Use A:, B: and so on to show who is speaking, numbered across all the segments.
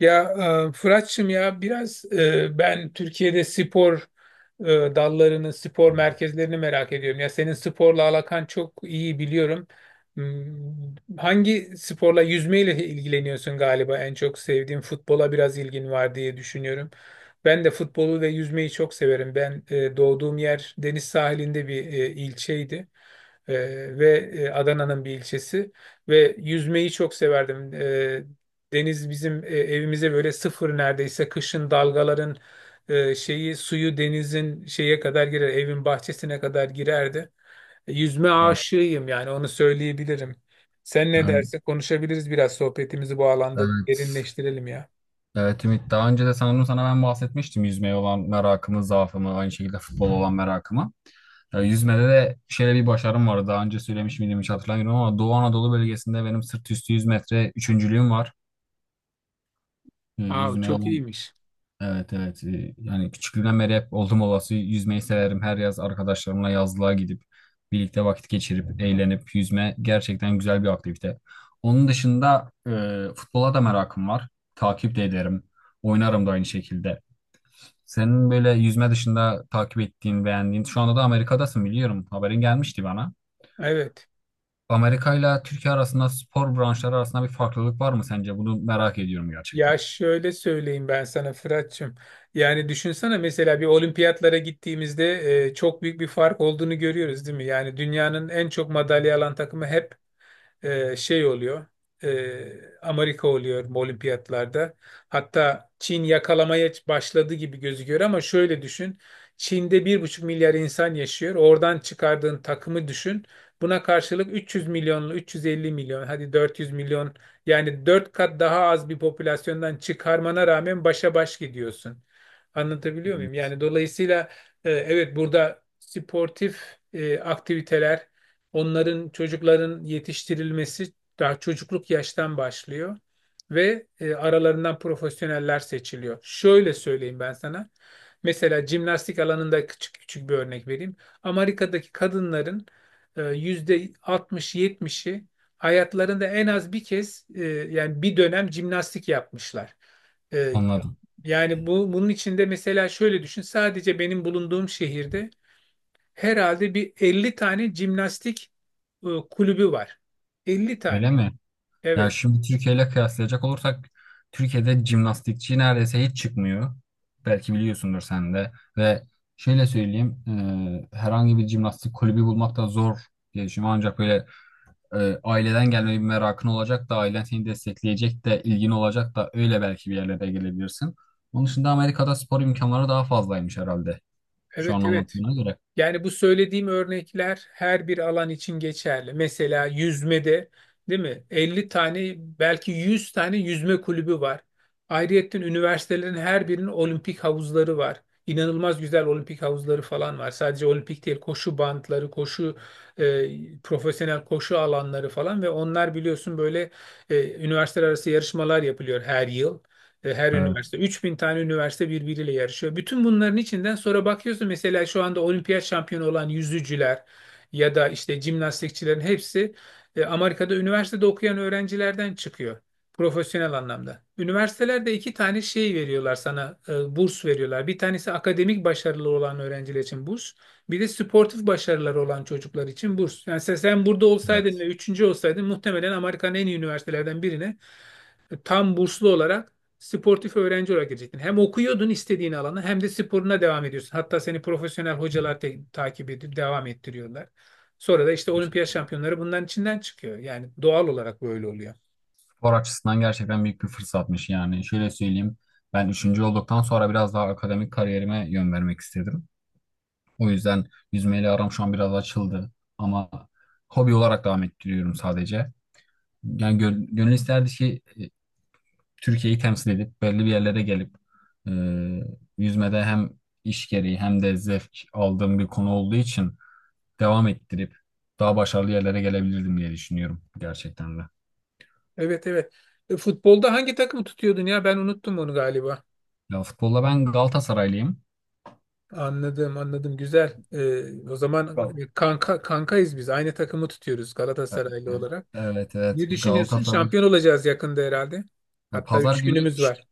A: Ya Fırat'cığım ya biraz ben Türkiye'de spor dallarını, spor merkezlerini merak ediyorum. Ya senin sporla alakan çok iyi biliyorum. Hangi sporla yüzmeyle ilgileniyorsun, galiba en çok sevdiğin futbola biraz ilgin var diye düşünüyorum. Ben de futbolu ve yüzmeyi çok severim. Ben doğduğum yer deniz sahilinde bir ilçeydi. Ve Adana'nın bir ilçesi ve yüzmeyi çok severdim. Deniz bizim evimize böyle sıfır, neredeyse kışın dalgaların e, şeyi suyu, denizin şeye kadar girer, evin bahçesine kadar girerdi. Yüzme
B: Evet.
A: aşığıyım, yani onu söyleyebilirim. Sen ne
B: Yani,
A: derse konuşabiliriz, biraz sohbetimizi bu alanda
B: evet.
A: derinleştirelim ya.
B: Evet Ümit. Daha önce de sanırım sana ben bahsetmiştim yüzmeye olan merakımı, zaafımı, aynı şekilde futbola olan merakımı. Ya, yüzmede de şöyle bir başarım var. Daha önce söylemiş miydim hiç hatırlamıyorum ama Doğu Anadolu bölgesinde benim sırt üstü 100 metre üçüncülüğüm var. Yüzmeye
A: Çok
B: olan
A: iyiymiş.
B: evet evet yani küçüklüğümden beri hep oldum olası yüzmeyi severim. Her yaz arkadaşlarımla yazlığa gidip birlikte vakit geçirip eğlenip yüzme gerçekten güzel bir aktivite. Onun dışında futbola da merakım var. Takip de ederim. Oynarım da aynı şekilde. Senin böyle yüzme dışında takip ettiğin, beğendiğin, şu anda da Amerika'dasın biliyorum. Haberin gelmişti bana.
A: Evet.
B: Amerika ile Türkiye arasında spor branşları arasında bir farklılık var mı sence? Bunu merak ediyorum gerçekten.
A: Ya şöyle söyleyeyim ben sana Fırat'cığım. Yani düşünsene, mesela bir olimpiyatlara gittiğimizde çok büyük bir fark olduğunu görüyoruz, değil mi? Yani dünyanın en çok madalya alan takımı hep şey oluyor, Amerika oluyor olimpiyatlarda. Hatta Çin yakalamaya başladı gibi gözüküyor ama şöyle düşün. Çin'de 1,5 milyar insan yaşıyor. Oradan çıkardığın takımı düşün. Buna karşılık 300 milyonlu, 350 milyon, hadi 400 milyon, yani 4 kat daha az bir popülasyondan çıkarmana rağmen başa baş gidiyorsun. Anlatabiliyor muyum?
B: Evet.
A: Yani dolayısıyla evet, burada sportif aktiviteler, onların, çocukların yetiştirilmesi daha çocukluk yaştan başlıyor ve aralarından profesyoneller seçiliyor. Şöyle söyleyeyim ben sana. Mesela jimnastik alanında küçük küçük bir örnek vereyim. Amerika'daki kadınların yüzde 60-70'i hayatlarında en az bir kez yani bir dönem jimnastik yapmışlar. E,
B: Anladım.
A: Yani bu, bunun içinde mesela şöyle düşün. Sadece benim bulunduğum şehirde herhalde bir 50 tane jimnastik kulübü var. 50
B: Öyle
A: tane.
B: mi? Yani
A: Evet.
B: şimdi Türkiye ile kıyaslayacak olursak Türkiye'de jimnastikçi neredeyse hiç çıkmıyor. Belki biliyorsundur sen de. Ve şöyle söyleyeyim, herhangi bir jimnastik kulübü bulmak da zor diye düşünüyorum. Ancak böyle aileden gelme bir merakın olacak da ailen seni destekleyecek de ilgin olacak da öyle belki bir yerlere gelebilirsin. Onun dışında Amerika'da spor imkanları daha fazlaymış herhalde. Şu an
A: Evet evet.
B: anlattığına göre.
A: Yani bu söylediğim örnekler her bir alan için geçerli. Mesela yüzmede, değil mi? 50 tane, belki 100 tane yüzme kulübü var. Ayrıyetten üniversitelerin her birinin olimpik havuzları var. İnanılmaz güzel olimpik havuzları falan var. Sadece olimpik değil, koşu bantları, koşu profesyonel koşu alanları falan ve onlar biliyorsun böyle üniversiteler arası yarışmalar yapılıyor her yıl. Her üniversite,
B: Evet,
A: 3.000 tane üniversite birbiriyle yarışıyor. Bütün bunların içinden sonra bakıyorsun, mesela şu anda olimpiyat şampiyonu olan yüzücüler ya da işte jimnastikçilerin hepsi Amerika'da üniversitede okuyan öğrencilerden çıkıyor. Profesyonel anlamda. Üniversitelerde iki tane şey veriyorlar sana, burs veriyorlar. Bir tanesi akademik başarılı olan öğrenciler için burs. Bir de sportif başarıları olan çocuklar için burs. Yani sen burada olsaydın
B: evet.
A: ve üçüncü olsaydın, muhtemelen Amerika'nın en iyi üniversitelerden birine tam burslu olarak, sportif öğrenci olarak girecektin. Hem okuyordun istediğin alana, hem de sporuna devam ediyorsun. Hatta seni profesyonel hocalar takip edip devam ettiriyorlar. Sonra da işte olimpiyat
B: Gerçekten.
A: şampiyonları bunların içinden çıkıyor. Yani doğal olarak böyle oluyor.
B: Spor açısından gerçekten büyük bir fırsatmış yani. Şöyle söyleyeyim. Ben üçüncü olduktan sonra biraz daha akademik kariyerime yön vermek istedim. O yüzden yüzmeyle aram şu an biraz açıldı. Ama hobi olarak devam ettiriyorum sadece. Yani gönül isterdi ki Türkiye'yi temsil edip belli bir yerlere gelip e, yüzmede hem iş gereği hem de zevk aldığım bir konu olduğu için devam ettirip daha başarılı yerlere gelebilirdim diye düşünüyorum gerçekten de.
A: Evet evet. Futbolda hangi takımı tutuyordun ya? Ben unuttum onu galiba.
B: Ya futbolda ben Galatasaraylıyım.
A: Anladım anladım, güzel. O zaman
B: Gal-
A: kanka kankayız biz. Aynı takımı tutuyoruz, Galatasaraylı olarak.
B: Evet evet
A: Ne düşünüyorsun?
B: Galatasaray.
A: Şampiyon olacağız yakında herhalde.
B: Ya
A: Hatta
B: pazar
A: 3
B: günü
A: günümüz var.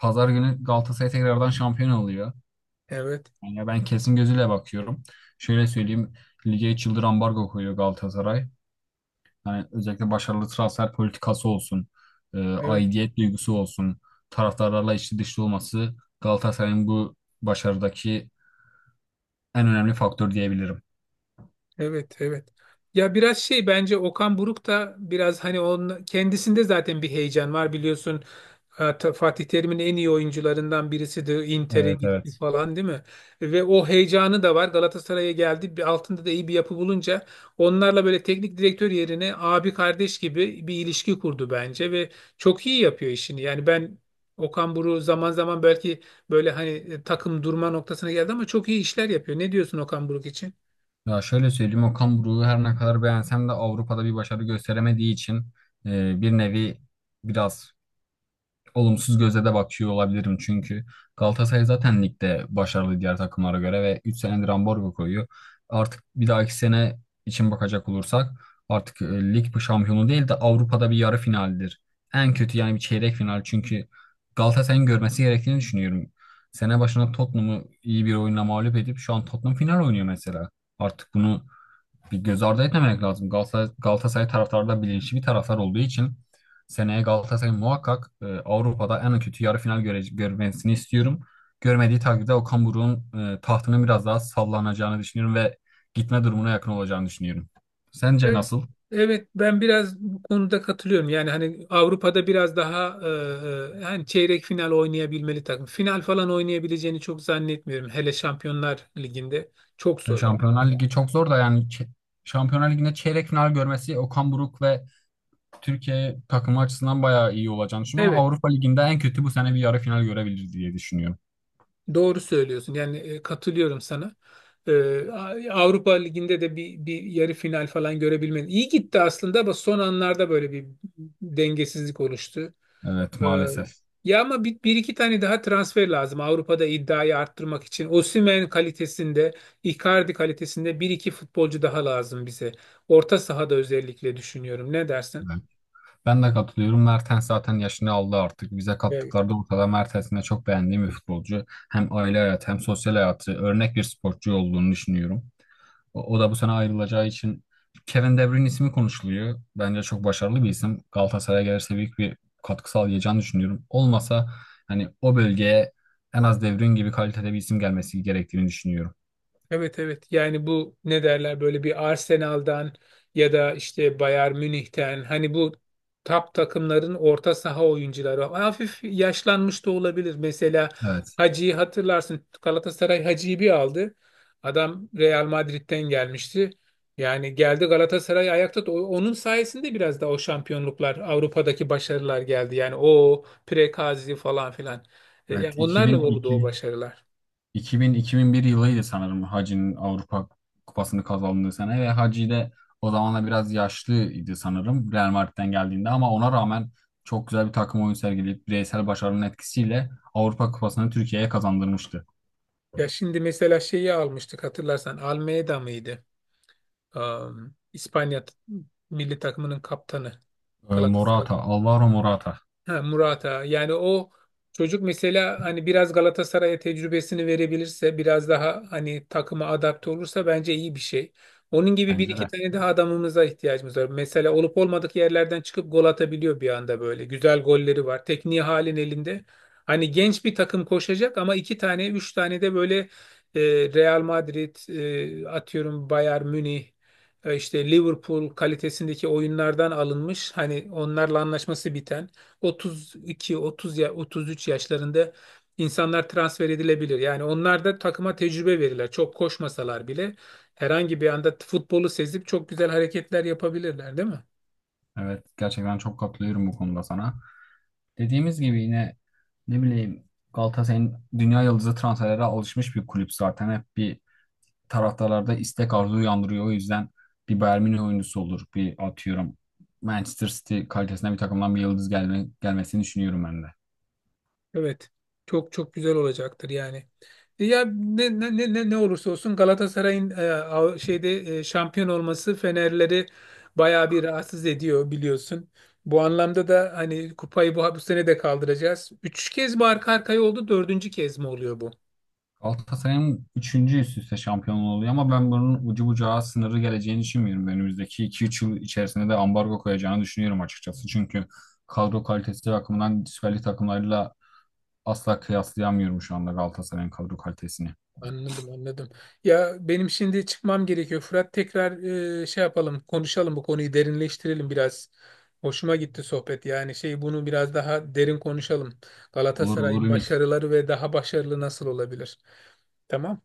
B: Pazar günü Galatasaray tekrardan şampiyon oluyor.
A: Evet.
B: Yani ben kesin gözüyle bakıyorum. Şöyle söyleyeyim, lige 3 yıldır ambargo koyuyor Galatasaray. Yani özellikle başarılı transfer politikası olsun,
A: Evet.
B: aidiyet duygusu olsun, taraftarlarla içli dışlı olması Galatasaray'ın bu başarıdaki en önemli faktör diyebilirim.
A: Evet, evet. Ya biraz şey, bence Okan Buruk da biraz, hani onun kendisinde zaten bir heyecan var biliyorsun. Fatih Terim'in en iyi oyuncularından birisi de Inter'e
B: Evet
A: gitti
B: evet.
A: falan, değil mi? Ve o heyecanı da var. Galatasaray'a geldi. Bir altında da iyi bir yapı bulunca, onlarla böyle teknik direktör yerine abi kardeş gibi bir ilişki kurdu bence ve çok iyi yapıyor işini. Yani ben, Okan Buruk zaman zaman belki böyle, hani takım durma noktasına geldi ama çok iyi işler yapıyor. Ne diyorsun Okan Buruk için?
B: Ya şöyle söyleyeyim, Okan Buruk'u her ne kadar beğensem de Avrupa'da bir başarı gösteremediği için bir nevi biraz olumsuz gözle de bakıyor olabilirim çünkü Galatasaray zaten ligde başarılı diğer takımlara göre ve 3 senedir ambargo koyuyor. Artık bir dahaki sene için bakacak olursak artık lig bu şampiyonu değil de Avrupa'da bir yarı finaldir. En kötü yani bir çeyrek final çünkü Galatasaray'ın görmesi gerektiğini düşünüyorum. Sene başına Tottenham'ı iyi bir oyunla mağlup edip şu an Tottenham final oynuyor mesela. Artık bunu bir göz ardı etmemek lazım. Galatasaray, Galatasaray taraftarı da bilinçli bir taraftar olduğu için seneye Galatasaray muhakkak Avrupa'da en kötü yarı final görmesini istiyorum. Görmediği takdirde Okan Buruk'un tahtının biraz daha sallanacağını düşünüyorum ve gitme durumuna yakın olacağını düşünüyorum. Sence
A: Ben-
B: nasıl?
A: Evet, ben biraz bu konuda katılıyorum. Yani hani Avrupa'da biraz daha hani çeyrek final oynayabilmeli takım. Final falan oynayabileceğini çok zannetmiyorum. Hele Şampiyonlar Ligi'nde çok zor yani.
B: Şampiyonlar Ligi çok zor da yani Şampiyonlar Ligi'nde çeyrek final görmesi Okan Buruk ve Türkiye takımı açısından bayağı iyi olacağını düşünüyorum ama
A: Evet,
B: Avrupa Ligi'nde en kötü bu sene bir yarı final görebilir diye düşünüyorum.
A: doğru söylüyorsun. Yani katılıyorum sana. E, Avrupa Ligi'nde de bir yarı final falan görebilmeli. İyi gitti aslında ama son anlarda böyle bir dengesizlik oluştu.
B: Evet
A: Ee,
B: maalesef.
A: Ya ama bir iki tane daha transfer lazım Avrupa'da iddiayı arttırmak için. Osimhen kalitesinde, Icardi kalitesinde bir iki futbolcu daha lazım bize. Orta sahada özellikle düşünüyorum. Ne dersin?
B: Ben de katılıyorum. Mertens zaten yaşını aldı artık. Bize kattıkları da ortada, Mertens'in de çok beğendiğim bir futbolcu. Hem aile hayatı hem sosyal hayatı örnek bir sporcu olduğunu düşünüyorum. O da bu sene ayrılacağı için Kevin De Bruyne ismi konuşuluyor. Bence çok başarılı bir isim. Galatasaray'a gelirse büyük bir katkı sağlayacağını düşünüyorum. Olmasa hani o bölgeye en az De Bruyne gibi kalitede bir isim gelmesi gerektiğini düşünüyorum.
A: Evet evet, yani bu ne derler, böyle bir Arsenal'dan ya da işte Bayern Münih'ten, hani bu top takımların orta saha oyuncuları hafif yaşlanmış da olabilir. Mesela
B: Evet.
A: Hacı'yı hatırlarsın, Galatasaray Hacı'yı bir aldı. Adam Real Madrid'den gelmişti. Yani geldi Galatasaray ayakta onun sayesinde biraz da o şampiyonluklar, Avrupa'daki başarılar geldi. Yani o Prekazi falan filan. Yani
B: Evet
A: onlarla oldu o
B: 2002
A: başarılar.
B: 2000-2001 yılıydı sanırım Hacı'nın Avrupa Kupası'nı kazandığı sene ve Hacı de o zamanla biraz yaşlıydı sanırım Real Madrid'den geldiğinde ama ona rağmen çok güzel bir takım oyun sergileyip bireysel başarının etkisiyle Avrupa Kupası'nı Türkiye'ye kazandırmıştı.
A: Ya şimdi mesela şeyi almıştık, hatırlarsan, Almeida mıydı? İspanya milli takımının kaptanı. Galatasaray.
B: Alvaro Morata,
A: Ha, Murata. Yani o çocuk mesela, hani biraz Galatasaray'a tecrübesini verebilirse, biraz daha hani takıma adapte olursa bence iyi bir şey. Onun gibi bir
B: bence
A: iki
B: de.
A: tane daha adamımıza ihtiyacımız var. Mesela olup olmadık yerlerden çıkıp gol atabiliyor bir anda böyle. Güzel golleri var. Tekniği halin elinde. Hani genç bir takım koşacak ama iki tane, üç tane de böyle e, Real Madrid, atıyorum Bayern Münih, işte Liverpool kalitesindeki oyunlardan alınmış, hani onlarla anlaşması biten. 32, 30 ya 33 yaşlarında insanlar transfer edilebilir. Yani onlar da takıma tecrübe verirler. Çok koşmasalar bile herhangi bir anda futbolu sezip çok güzel hareketler yapabilirler, değil mi?
B: Evet gerçekten çok katılıyorum bu konuda sana. Dediğimiz gibi yine ne bileyim Galatasaray'ın dünya yıldızı transferlere alışmış bir kulüp zaten. Hep bir taraftarlarda istek arzu uyandırıyor. O yüzden bir Bayern Münih oyuncusu olur. Bir atıyorum Manchester City kalitesinde bir takımdan bir yıldız gelmesini düşünüyorum ben de.
A: Evet. Çok çok güzel olacaktır yani. Ya, ne olursa olsun Galatasaray'ın şampiyon olması Fenerleri bayağı bir rahatsız ediyor biliyorsun. Bu anlamda da hani kupayı bu sene de kaldıracağız. 3 kez mi arka arkaya oldu, dördüncü kez mi oluyor bu?
B: Galatasaray'ın üçüncü üst üste şampiyonluğu oluyor ama ben bunun ucu bucağı sınırı geleceğini düşünmüyorum. Önümüzdeki iki üç yıl içerisinde de ambargo koyacağını düşünüyorum açıkçası. Çünkü kadro kalitesi bakımından Süper Lig takımlarıyla asla kıyaslayamıyorum şu anda Galatasaray'ın kadro kalitesini.
A: Anladım anladım. Ya benim şimdi çıkmam gerekiyor. Fırat, tekrar yapalım, konuşalım, bu konuyu derinleştirelim biraz. Hoşuma gitti sohbet, yani bunu biraz daha derin konuşalım.
B: Olur olur
A: Galatasaray'ın
B: Ümit.
A: başarıları ve daha başarılı nasıl olabilir? Tamam.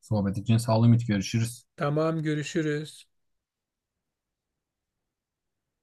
B: Sohbet için sağ ol Ümit. Görüşürüz.
A: Tamam, görüşürüz.